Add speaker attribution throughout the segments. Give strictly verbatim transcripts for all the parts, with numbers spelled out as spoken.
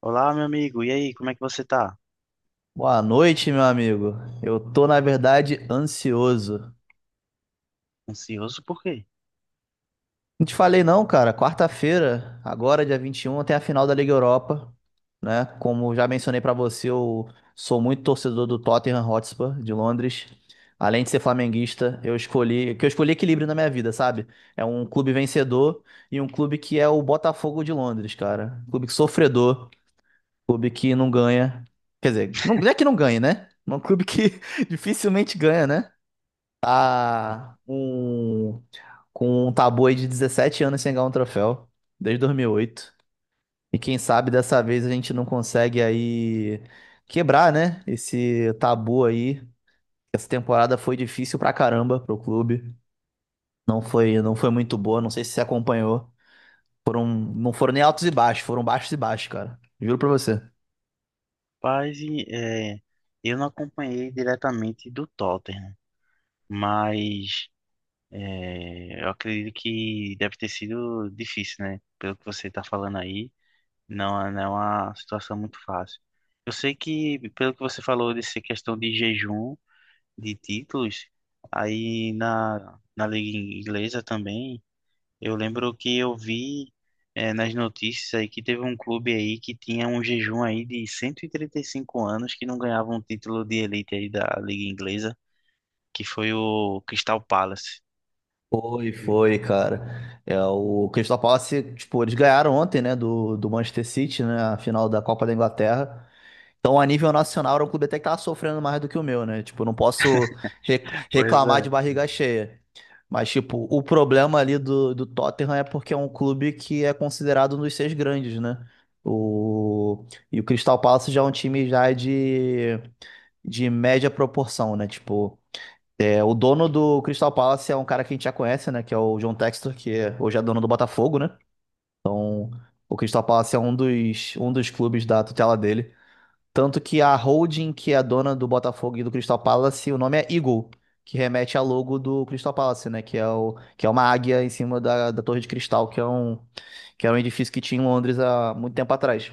Speaker 1: Olá, meu amigo. E aí, como é que você tá?
Speaker 2: Boa noite, meu amigo. Eu tô, na verdade, ansioso.
Speaker 1: Ansioso por quê?
Speaker 2: Não te falei não, cara. Quarta-feira, agora, dia vinte e um, tem a final da Liga Europa, né? Como já mencionei pra você, eu sou muito torcedor do Tottenham Hotspur de Londres. Além de ser flamenguista, eu escolhi, que eu escolhi equilíbrio na minha vida, sabe? É um clube vencedor e um clube que é o Botafogo de Londres, cara. Um clube que sofredor, um clube que não ganha. Quer dizer, não não é que não ganha, né? Um clube que dificilmente ganha, né? Tá um, com um tabu aí de dezessete anos sem ganhar um troféu, desde dois mil e oito. E oito. E quem sabe dessa vez a gente não consegue aí quebrar, né? Esse tabu aí. Essa temporada foi difícil pra caramba pro clube. Não foi, não foi muito boa, não sei se você acompanhou. Foram, não foram nem altos e baixos, foram baixos e baixos, cara. Juro pra você.
Speaker 1: Paz, e, é, eu não acompanhei diretamente do Tottenham, mas é, eu acredito que deve ter sido difícil, né? Pelo que você tá falando aí, não, é- não é uma situação muito fácil. Eu sei que, pelo que você falou dessa questão de jejum de títulos, aí na, na Liga Inglesa também. Eu lembro que eu vi eh, nas notícias aí que teve um clube aí que tinha um jejum aí de cento e e trinta e cinco anos que não ganhava um título de elite aí da Liga Inglesa, que foi o Crystal Palace.
Speaker 2: Foi, foi, cara. É, o Crystal Palace, tipo, eles ganharam ontem, né, do, do Manchester City, né, a final da Copa da Inglaterra. Então, a nível nacional, era um clube até que tava sofrendo mais do que o meu, né? Tipo, não posso re-
Speaker 1: Pois
Speaker 2: reclamar de
Speaker 1: é.
Speaker 2: barriga cheia. Mas, tipo, o problema ali do, do Tottenham é porque é um clube que é considerado um dos seis grandes, né? O... E o Crystal Palace já é um time já de, de média proporção, né? Tipo, é, o dono do Crystal Palace é um cara que a gente já conhece, né? Que é o John Textor, que é- Hoje é dono do Botafogo, né? O Crystal Palace é um dos, um dos clubes da tutela dele. Tanto que a holding que é a dona do Botafogo e do Crystal Palace, o nome é Eagle, que remete ao logo do Crystal Palace, né? Que é, o, que é uma águia em cima da, da Torre de Cristal, que é um, que era um edifício que tinha em Londres há muito tempo atrás,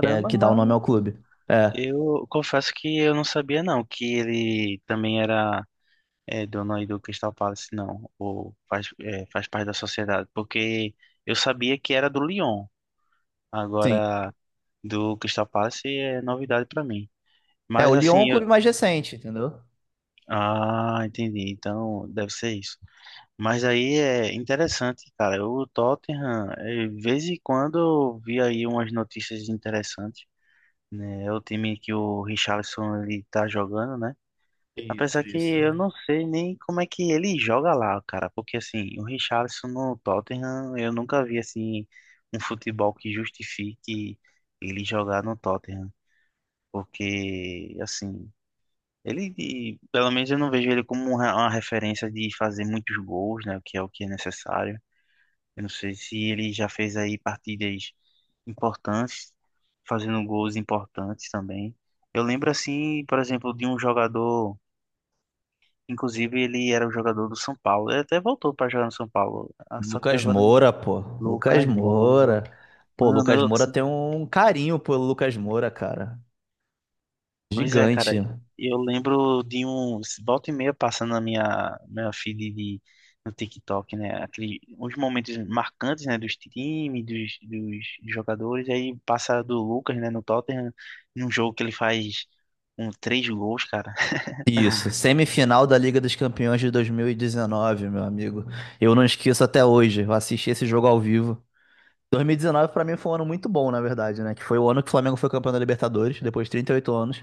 Speaker 2: que, é, que dá o nome
Speaker 1: mano.
Speaker 2: ao clube. É,
Speaker 1: Eu confesso que eu não sabia não que ele também era eh, dono aí do Crystal Palace, não. Ou faz, eh, faz parte da sociedade. Porque eu sabia que era do Lyon.
Speaker 2: sim.
Speaker 1: Agora, do Crystal Palace é novidade pra mim.
Speaker 2: É, o
Speaker 1: Mas
Speaker 2: Lyon é um
Speaker 1: assim,
Speaker 2: clube mais recente, entendeu?
Speaker 1: ah, entendi. Então, deve ser isso. Mas aí é interessante, cara. O Tottenham, eh, de vez em quando eu vi aí umas notícias interessantes, né? É o time que o Richarlison ele tá jogando, né?
Speaker 2: Isso,
Speaker 1: Apesar que
Speaker 2: isso.
Speaker 1: eu não sei nem como é que ele joga lá, cara, porque assim, o Richarlison no Tottenham, eu nunca vi assim um futebol que justifique ele jogar no Tottenham, porque assim, ele, e, pelo menos eu não vejo ele como um re- uma referência de fazer muitos gols, né? O que é o que é necessário. Eu não sei se ele já fez aí partidas importantes, fazendo gols importantes também. Eu lembro assim, por exemplo, de um jogador, inclusive ele era o jogador do São Paulo. Ele até voltou para jogar no São Paulo. Ah, só que
Speaker 2: Lucas
Speaker 1: agora não-
Speaker 2: Moura, pô. Lucas
Speaker 1: Lucas Moura.
Speaker 2: Moura. Pô,
Speaker 1: Mano,
Speaker 2: Lucas
Speaker 1: eu
Speaker 2: Moura tem um carinho pelo Lucas Moura, cara.
Speaker 1: pois é, cara,
Speaker 2: Gigante.
Speaker 1: eu lembro de um volta e meia passando na minha, minha feed de, no TikTok, né? Aquele, uns momentos marcantes, né? Dos times, dos, dos jogadores. Aí passa do Lucas, né? No Tottenham, num jogo que ele faz um, três gols, cara.
Speaker 2: Isso,
Speaker 1: Ah,
Speaker 2: semifinal da Liga dos Campeões de dois mil e dezenove, meu amigo. Eu não esqueço até hoje, eu assisti esse jogo ao vivo. dois mil e dezenove pra mim foi um ano muito bom, na verdade, né? Que foi o ano que o Flamengo foi campeão da Libertadores, depois de trinta e oito anos,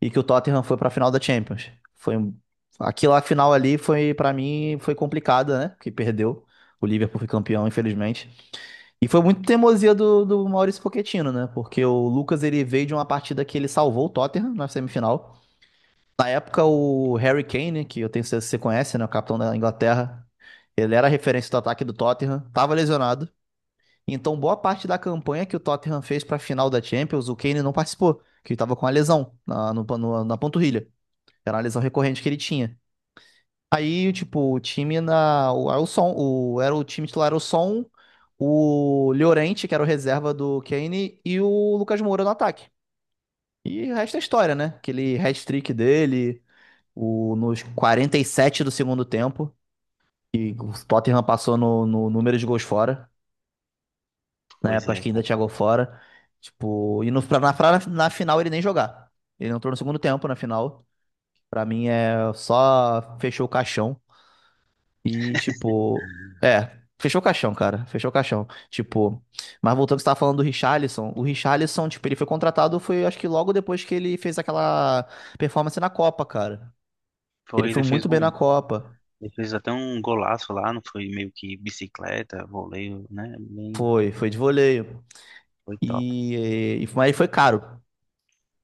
Speaker 2: e que o Tottenham foi pra final da Champions. Foi um- Aquela final ali foi pra mim foi complicada, né? Porque perdeu. O Liverpool foi campeão, infelizmente. E foi muito teimosia do, do Maurício Pochettino, né? Porque o Lucas ele veio de uma partida que ele salvou o Tottenham na semifinal. Na época, o Harry Kane, né, que eu tenho certeza que você conhece, né? O capitão da Inglaterra, ele era a referência do ataque do Tottenham, estava lesionado. Então, boa parte da campanha que o Tottenham fez para a final da Champions, o Kane não participou, que ele estava com a lesão na, no- no- na panturrilha. Era uma lesão recorrente que ele tinha. Aí, tipo, o time na. O, era o Son, o, era o time titular, era o Son, o Llorente, que era o reserva do Kane, e o Lucas Moura no ataque. E o resto é história, né? Aquele hat-trick dele o, nos quarenta e sete do segundo tempo, e o Tottenham passou no, no número de gols fora. Na
Speaker 1: pois
Speaker 2: época, acho
Speaker 1: é,
Speaker 2: que ainda
Speaker 1: cara.
Speaker 2: tinha gol fora. Tipo, e no, pra, na, pra- Na final ele nem jogar. Ele entrou no segundo tempo na final. Pra mim é só fechou o caixão. E, tipo, é, fechou o caixão, cara. Fechou o caixão. Tipo, mas voltando ao que você tava falando do Richarlison. O Richarlison, tipo, ele foi contratado, foi acho que logo depois que ele fez aquela performance na Copa, cara. Ele
Speaker 1: Foi,
Speaker 2: foi
Speaker 1: ele fez
Speaker 2: muito bem na
Speaker 1: um,
Speaker 2: Copa.
Speaker 1: ele fez até um golaço lá, não foi meio que bicicleta, voleio, né? Bem,
Speaker 2: Foi, foi de voleio.
Speaker 1: foi top.
Speaker 2: E, e mas ele foi caro.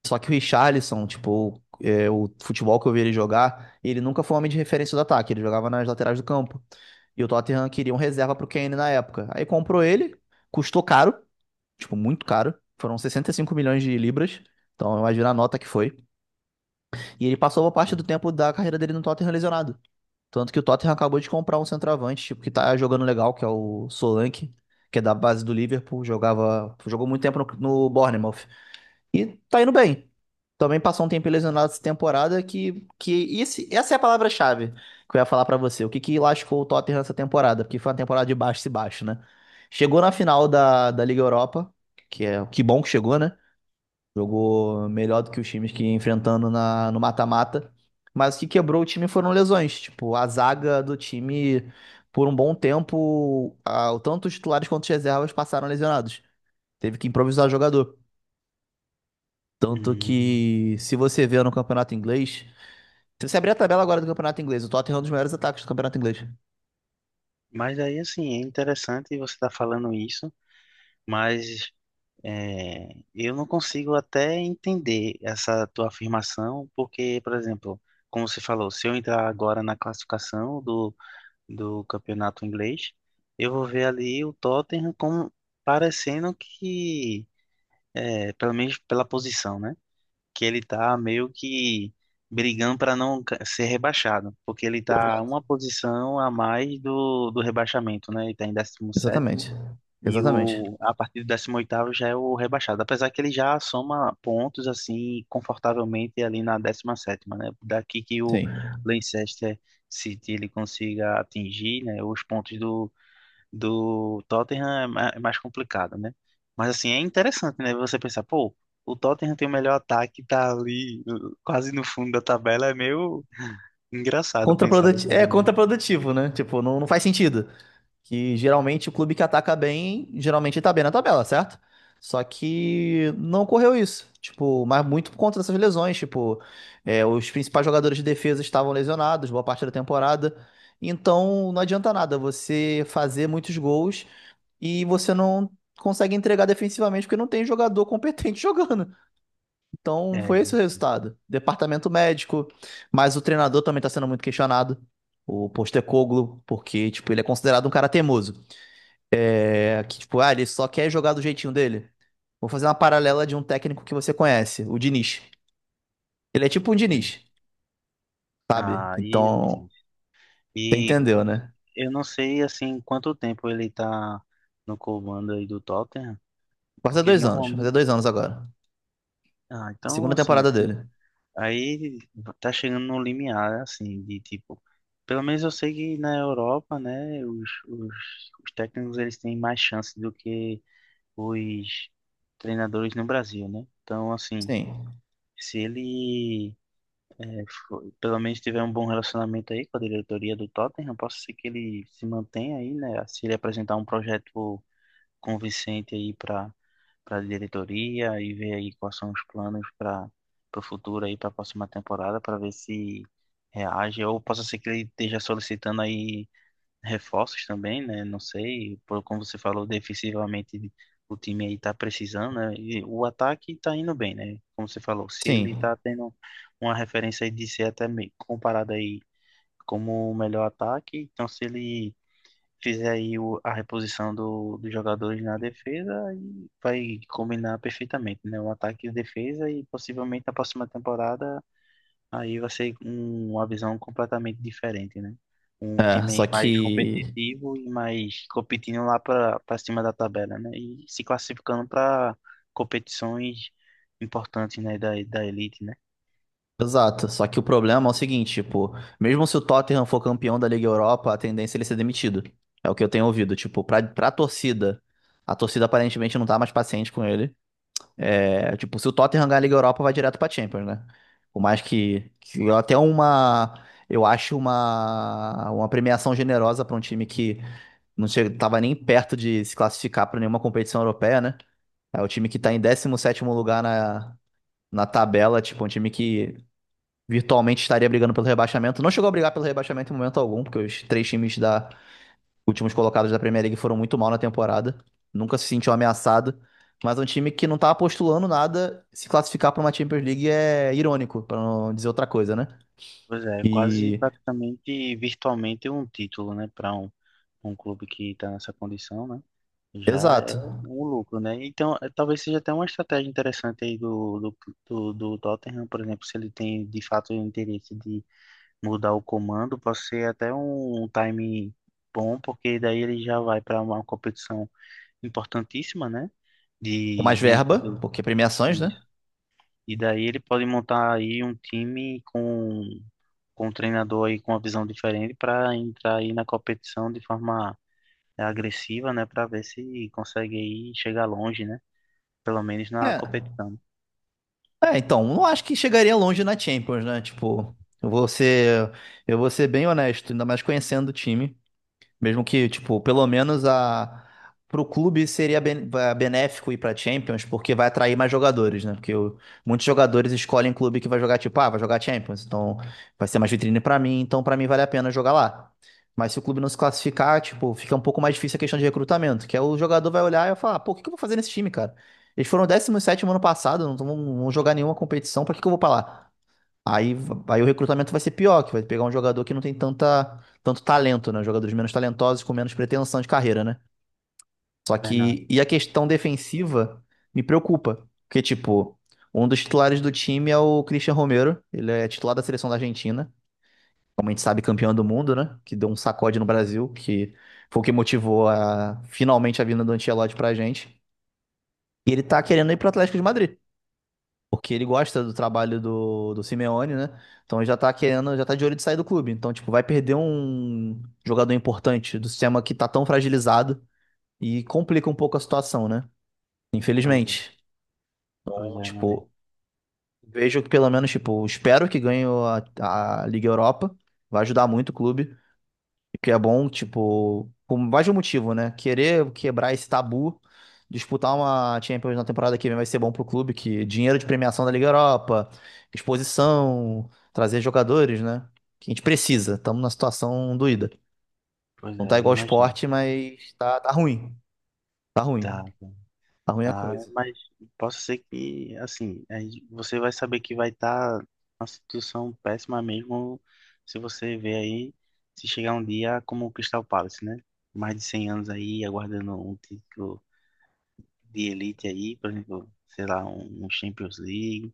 Speaker 2: Só que o Richarlison, tipo, é, o futebol que eu vi ele jogar, ele nunca foi um homem de referência do ataque, ele jogava nas laterais do campo. E o Tottenham queria um reserva pro Kane na época. Aí comprou ele, custou caro, tipo, muito caro. Foram sessenta e cinco milhões de libras. Então, imagina a nota que foi. E ele passou boa parte do tempo da carreira dele no Tottenham lesionado. Tanto que o Tottenham acabou de comprar um centroavante, tipo, que tá jogando legal, que é o Solanke, que é da base do Liverpool, jogava, jogou muito tempo no, no Bournemouth. E tá indo bem. Também passou um tempo lesionado essa temporada que, que esse, essa é a palavra-chave que eu ia falar pra você. O que que lascou o Tottenham essa temporada? Porque foi uma temporada de baixo e baixo, né? Chegou na final da, da Liga Europa, que é que bom que chegou, né? Jogou melhor do que os times que ia enfrentando na, no mata-mata. Mas o que quebrou o time foram lesões. Tipo, a zaga do time, por um bom tempo, a- tanto os titulares quanto os reservas passaram lesionados. Teve que improvisar jogador. Tanto
Speaker 1: Hum.
Speaker 2: que, se você vê no campeonato inglês, se você abrir a tabela agora do campeonato inglês, o Tottenham é um dos maiores ataques do campeonato inglês.
Speaker 1: Mas aí, assim, é interessante você estar falando isso, mas É, eu não consigo até entender essa tua afirmação, porque, por exemplo, como você falou, se eu entrar agora na classificação do, do campeonato inglês, eu vou ver ali o Tottenham como parecendo que, é, pelo menos pela posição, né? Que ele tá meio que brigando para não ca- ser rebaixado, porque ele tá
Speaker 2: Exato.
Speaker 1: uma posição a mais do, do rebaixamento, né? Ele tá em décimo sétimo.
Speaker 2: Exatamente.
Speaker 1: E
Speaker 2: Exatamente.
Speaker 1: o, a partir do décimo oitavo já é o rebaixado, apesar que ele já soma pontos assim confortavelmente ali na décima sétima, né? Daqui que o
Speaker 2: Sim.
Speaker 1: Leicester City ele consiga atingir, né, os pontos do, do Tottenham é ma- é mais complicado, né? Mas assim, é interessante, né, você pensar, pô, o Tottenham tem o melhor ataque, tá ali uh, quase no fundo da tabela, é meio engraçado pensar
Speaker 2: Contraprodutivo,
Speaker 1: dessa
Speaker 2: é
Speaker 1: maneira.
Speaker 2: contraprodutivo, né? Tipo, não, não faz sentido. Que geralmente o clube que ataca bem, geralmente tá bem na tabela, certo? Só que não ocorreu isso. Tipo, mas muito por conta dessas lesões. Tipo, é, os principais jogadores de defesa estavam lesionados boa parte da temporada. Então não adianta nada você fazer muitos gols e você não consegue entregar defensivamente porque não tem jogador competente jogando. Então
Speaker 1: É,
Speaker 2: foi esse o resultado. Departamento médico, mas o treinador também está sendo muito questionado. O Postecoglou, porque, tipo, ele é considerado um cara teimoso. É que, tipo, ah, ele só quer jogar do jeitinho dele. Vou fazer uma paralela de um técnico que você conhece, o Diniz. Ele é tipo um
Speaker 1: é.
Speaker 2: Diniz, sabe?
Speaker 1: Aí é
Speaker 2: Então,
Speaker 1: difícil.
Speaker 2: você
Speaker 1: E
Speaker 2: entendeu, né?
Speaker 1: eu não sei assim quanto tempo ele tá no comando aí do Tottenham,
Speaker 2: Vai fazer
Speaker 1: porque
Speaker 2: dois anos, vai fazer
Speaker 1: normalmente,
Speaker 2: dois anos agora.
Speaker 1: ah, então
Speaker 2: Segunda
Speaker 1: assim,
Speaker 2: temporada dele.
Speaker 1: aí tá chegando no limiar assim de tipo, pelo menos eu sei que na Europa, né, os, os, os técnicos eles têm mais chance do que os treinadores no Brasil, né? Então assim,
Speaker 2: Sim,
Speaker 1: se ele for- pelo menos tiver um bom relacionamento aí com a diretoria do Tottenham, posso ser que ele se mantenha aí, né? Se ele apresentar um projeto convincente aí para para a diretoria e ver aí quais são os planos para o futuro aí para a próxima temporada para ver se reage ou possa ser que ele esteja solicitando aí reforços também, né? Não sei, por como você falou, defensivamente o time aí tá precisando, né? E o ataque tá indo bem, né? Como você falou, se ele
Speaker 2: sim.
Speaker 1: tá tendo uma referência aí de ser até meio comparado aí como o melhor ataque, então se ele fizer aí o- a reposição do, dos jogadores na defesa e vai combinar perfeitamente, né? O ataque e a defesa e possivelmente na próxima temporada aí vai ser um- uma visão completamente diferente, né? Um
Speaker 2: É,
Speaker 1: time
Speaker 2: só
Speaker 1: aí mais
Speaker 2: que
Speaker 1: competitivo e mais competindo lá para para cima da tabela, né? E se classificando para competições importantes, né? Da, da elite, né?
Speaker 2: Exato, só que o problema é o seguinte, tipo, mesmo se o Tottenham for campeão da Liga Europa, a tendência é ele ser demitido. É o que eu tenho ouvido, tipo, pra, pra torcida, a torcida aparentemente não tá mais paciente com ele. É, tipo, se o Tottenham ganhar a Liga Europa, vai direto pra Champions, né? Por mais que, que eu até uma, eu acho uma, uma premiação generosa pra um time que não che- tava nem perto de se classificar pra nenhuma competição europeia, né? É o time que tá em décimo sétimo lugar na, na tabela, tipo, um time que virtualmente estaria brigando pelo rebaixamento. Não chegou a brigar pelo rebaixamento em momento algum, porque os três times da últimos colocados da Premier League foram muito mal na temporada. Nunca se sentiu ameaçado. Mas é um time que não tá postulando nada. Se classificar para uma Champions League é irônico, para não dizer outra coisa, né?
Speaker 1: Pois é, quase
Speaker 2: E.
Speaker 1: praticamente virtualmente um título, né? Para um, um clube que está nessa condição, né? Já é
Speaker 2: Exato.
Speaker 1: um lucro, né? Então, eh, talvez seja até uma estratégia interessante aí do, do, do, do Tottenham, por exemplo, se ele tem de fato o interesse de mudar o comando, pode ser até um, time bom, porque daí ele já vai para uma competição importantíssima, né?
Speaker 2: Com mais
Speaker 1: De, de um
Speaker 2: verba,
Speaker 1: título.
Speaker 2: porque premiações, né?
Speaker 1: Isso. E daí ele pode montar aí um time com, com um treinador aí com uma visão diferente para entrar aí na competição de forma agressiva, né? Para ver se consegue aí chegar longe, né? Pelo menos na
Speaker 2: É.
Speaker 1: competição.
Speaker 2: É, então, não acho que chegaria longe na Champions, né? Tipo, eu vou ser, eu vou ser bem honesto, ainda mais conhecendo o time. Mesmo que, tipo, pelo menos a pro clube seria ben- eh, benéfico ir pra Champions, porque vai atrair mais jogadores, né? Porque o- muitos jogadores escolhem clube que vai jogar, tipo, ah, vai jogar Champions, então vai ser mais vitrine pra mim, então pra mim vale a pena jogar lá. Mas se o clube não se classificar, tipo, fica um pouco mais difícil a questão de recrutamento, que é o jogador vai olhar e vai falar, pô, o que que eu vou fazer nesse time, cara? Eles foram décimo sétimo ano passado, não vão não vão jogar nenhuma competição, pra que que eu vou pra lá? Aí, v- aí o recrutamento vai ser pior, que vai pegar um jogador que não tem tanta, tanto talento, né? Jogadores menos talentosos com menos pretensão de carreira, né? Só
Speaker 1: Bernardo,
Speaker 2: que, e a questão defensiva me preocupa, porque, tipo, um dos titulares do time é o Christian Romero, ele é titular da seleção da Argentina, como a gente sabe, campeão do mundo, né? Que deu um sacode no Brasil, que foi o que motivou a, finalmente a vinda do Ancelotti pra gente. E ele tá querendo ir pro Atlético de Madrid. Porque ele gosta do trabalho do, do Simeone, né? Então ele já tá querendo, já tá de olho de sair do clube. Então, tipo, vai perder um jogador importante do sistema que tá tão fragilizado e complica um pouco a situação, né?
Speaker 1: pois é,
Speaker 2: Infelizmente.
Speaker 1: pois
Speaker 2: Então,
Speaker 1: é, meu amigo.
Speaker 2: tipo, vejo que pelo menos, tipo, espero que ganhe a, a Liga Europa. Vai ajudar muito o clube. Que é bom, tipo, por mais de um motivo, né? Querer quebrar esse tabu, disputar uma Champions na temporada que vem vai ser bom pro clube, que dinheiro de premiação da Liga Europa, exposição, trazer jogadores, né? Que a gente precisa. Estamos numa situação doída.
Speaker 1: Pois
Speaker 2: Não tá
Speaker 1: é, eu
Speaker 2: igual ao
Speaker 1: imagino.
Speaker 2: esporte, mas tá, tá ruim. Tá ruim.
Speaker 1: Tá,
Speaker 2: Tá ruim a
Speaker 1: tá,
Speaker 2: coisa.
Speaker 1: mas posso ser que, assim, aí você vai saber que vai estar tá uma situação péssima mesmo se você ver aí, se chegar um dia como o Crystal Palace, né? Mais de cem anos aí, aguardando um título de elite aí, por exemplo, sei lá, um, um Champions League.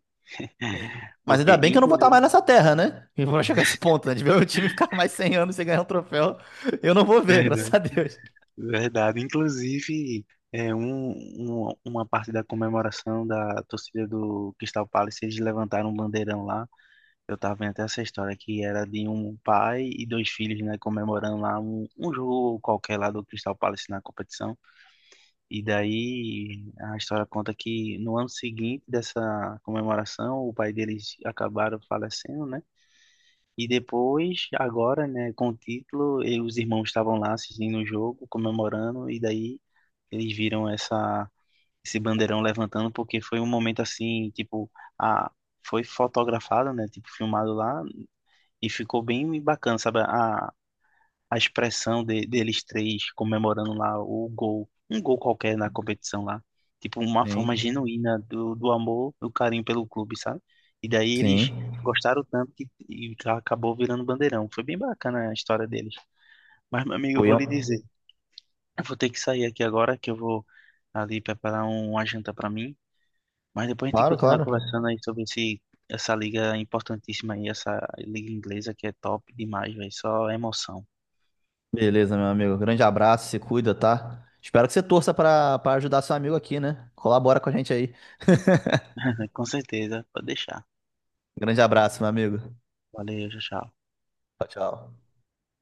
Speaker 2: Sim. Mas ainda
Speaker 1: Porque,
Speaker 2: bem que eu não vou estar mais
Speaker 1: inclusive,
Speaker 2: nessa terra, né? E vou chegar a esse ponto, né? De ver o time ficar mais cem anos sem ganhar um troféu, eu não vou ver, graças a Deus.
Speaker 1: verdade. Inclusive, é, um, um- uma parte da comemoração da torcida do Crystal Palace, eles levantaram um bandeirão lá. Eu tava vendo até essa história que era de um pai e dois filhos, né, comemorando lá um, um jogo qualquer lá do Crystal Palace na competição. E daí a história conta que no ano seguinte dessa comemoração, o pai deles acabaram falecendo, né? E depois, agora, né, com o título, e os irmãos estavam lá assistindo o jogo, comemorando, e daí eles viram essa, esse bandeirão levantando, porque foi um momento assim, tipo, a, foi fotografado, né, tipo, filmado lá, e ficou bem bacana, sabe? A, a expressão de- deles três comemorando lá o gol, um gol qualquer na competição lá. Tipo, uma forma
Speaker 2: Sim,
Speaker 1: genuína do, do amor, do carinho pelo clube, sabe? E daí eles
Speaker 2: sim.
Speaker 1: gostaram tanto que e acabou virando bandeirão. Foi bem bacana a história deles. Mas, meu amigo, eu
Speaker 2: Fui
Speaker 1: vou
Speaker 2: eu.
Speaker 1: lhe dizer, eu vou ter que sair aqui agora, que eu vou ali preparar um, uma janta para mim. Mas depois a gente
Speaker 2: Claro,
Speaker 1: continua
Speaker 2: claro.
Speaker 1: conversando aí sobre esse, essa liga importantíssima aí, essa liga inglesa que é top demais, velho. Só emoção.
Speaker 2: Beleza, meu amigo. Grande abraço, se cuida, tá? Espero que você torça pra para ajudar seu amigo aqui, né? Colabora com a gente aí.
Speaker 1: Com certeza, pode deixar.
Speaker 2: Grande abraço, meu amigo.
Speaker 1: Valeu, tchau, tchau.
Speaker 2: Tchau, tchau.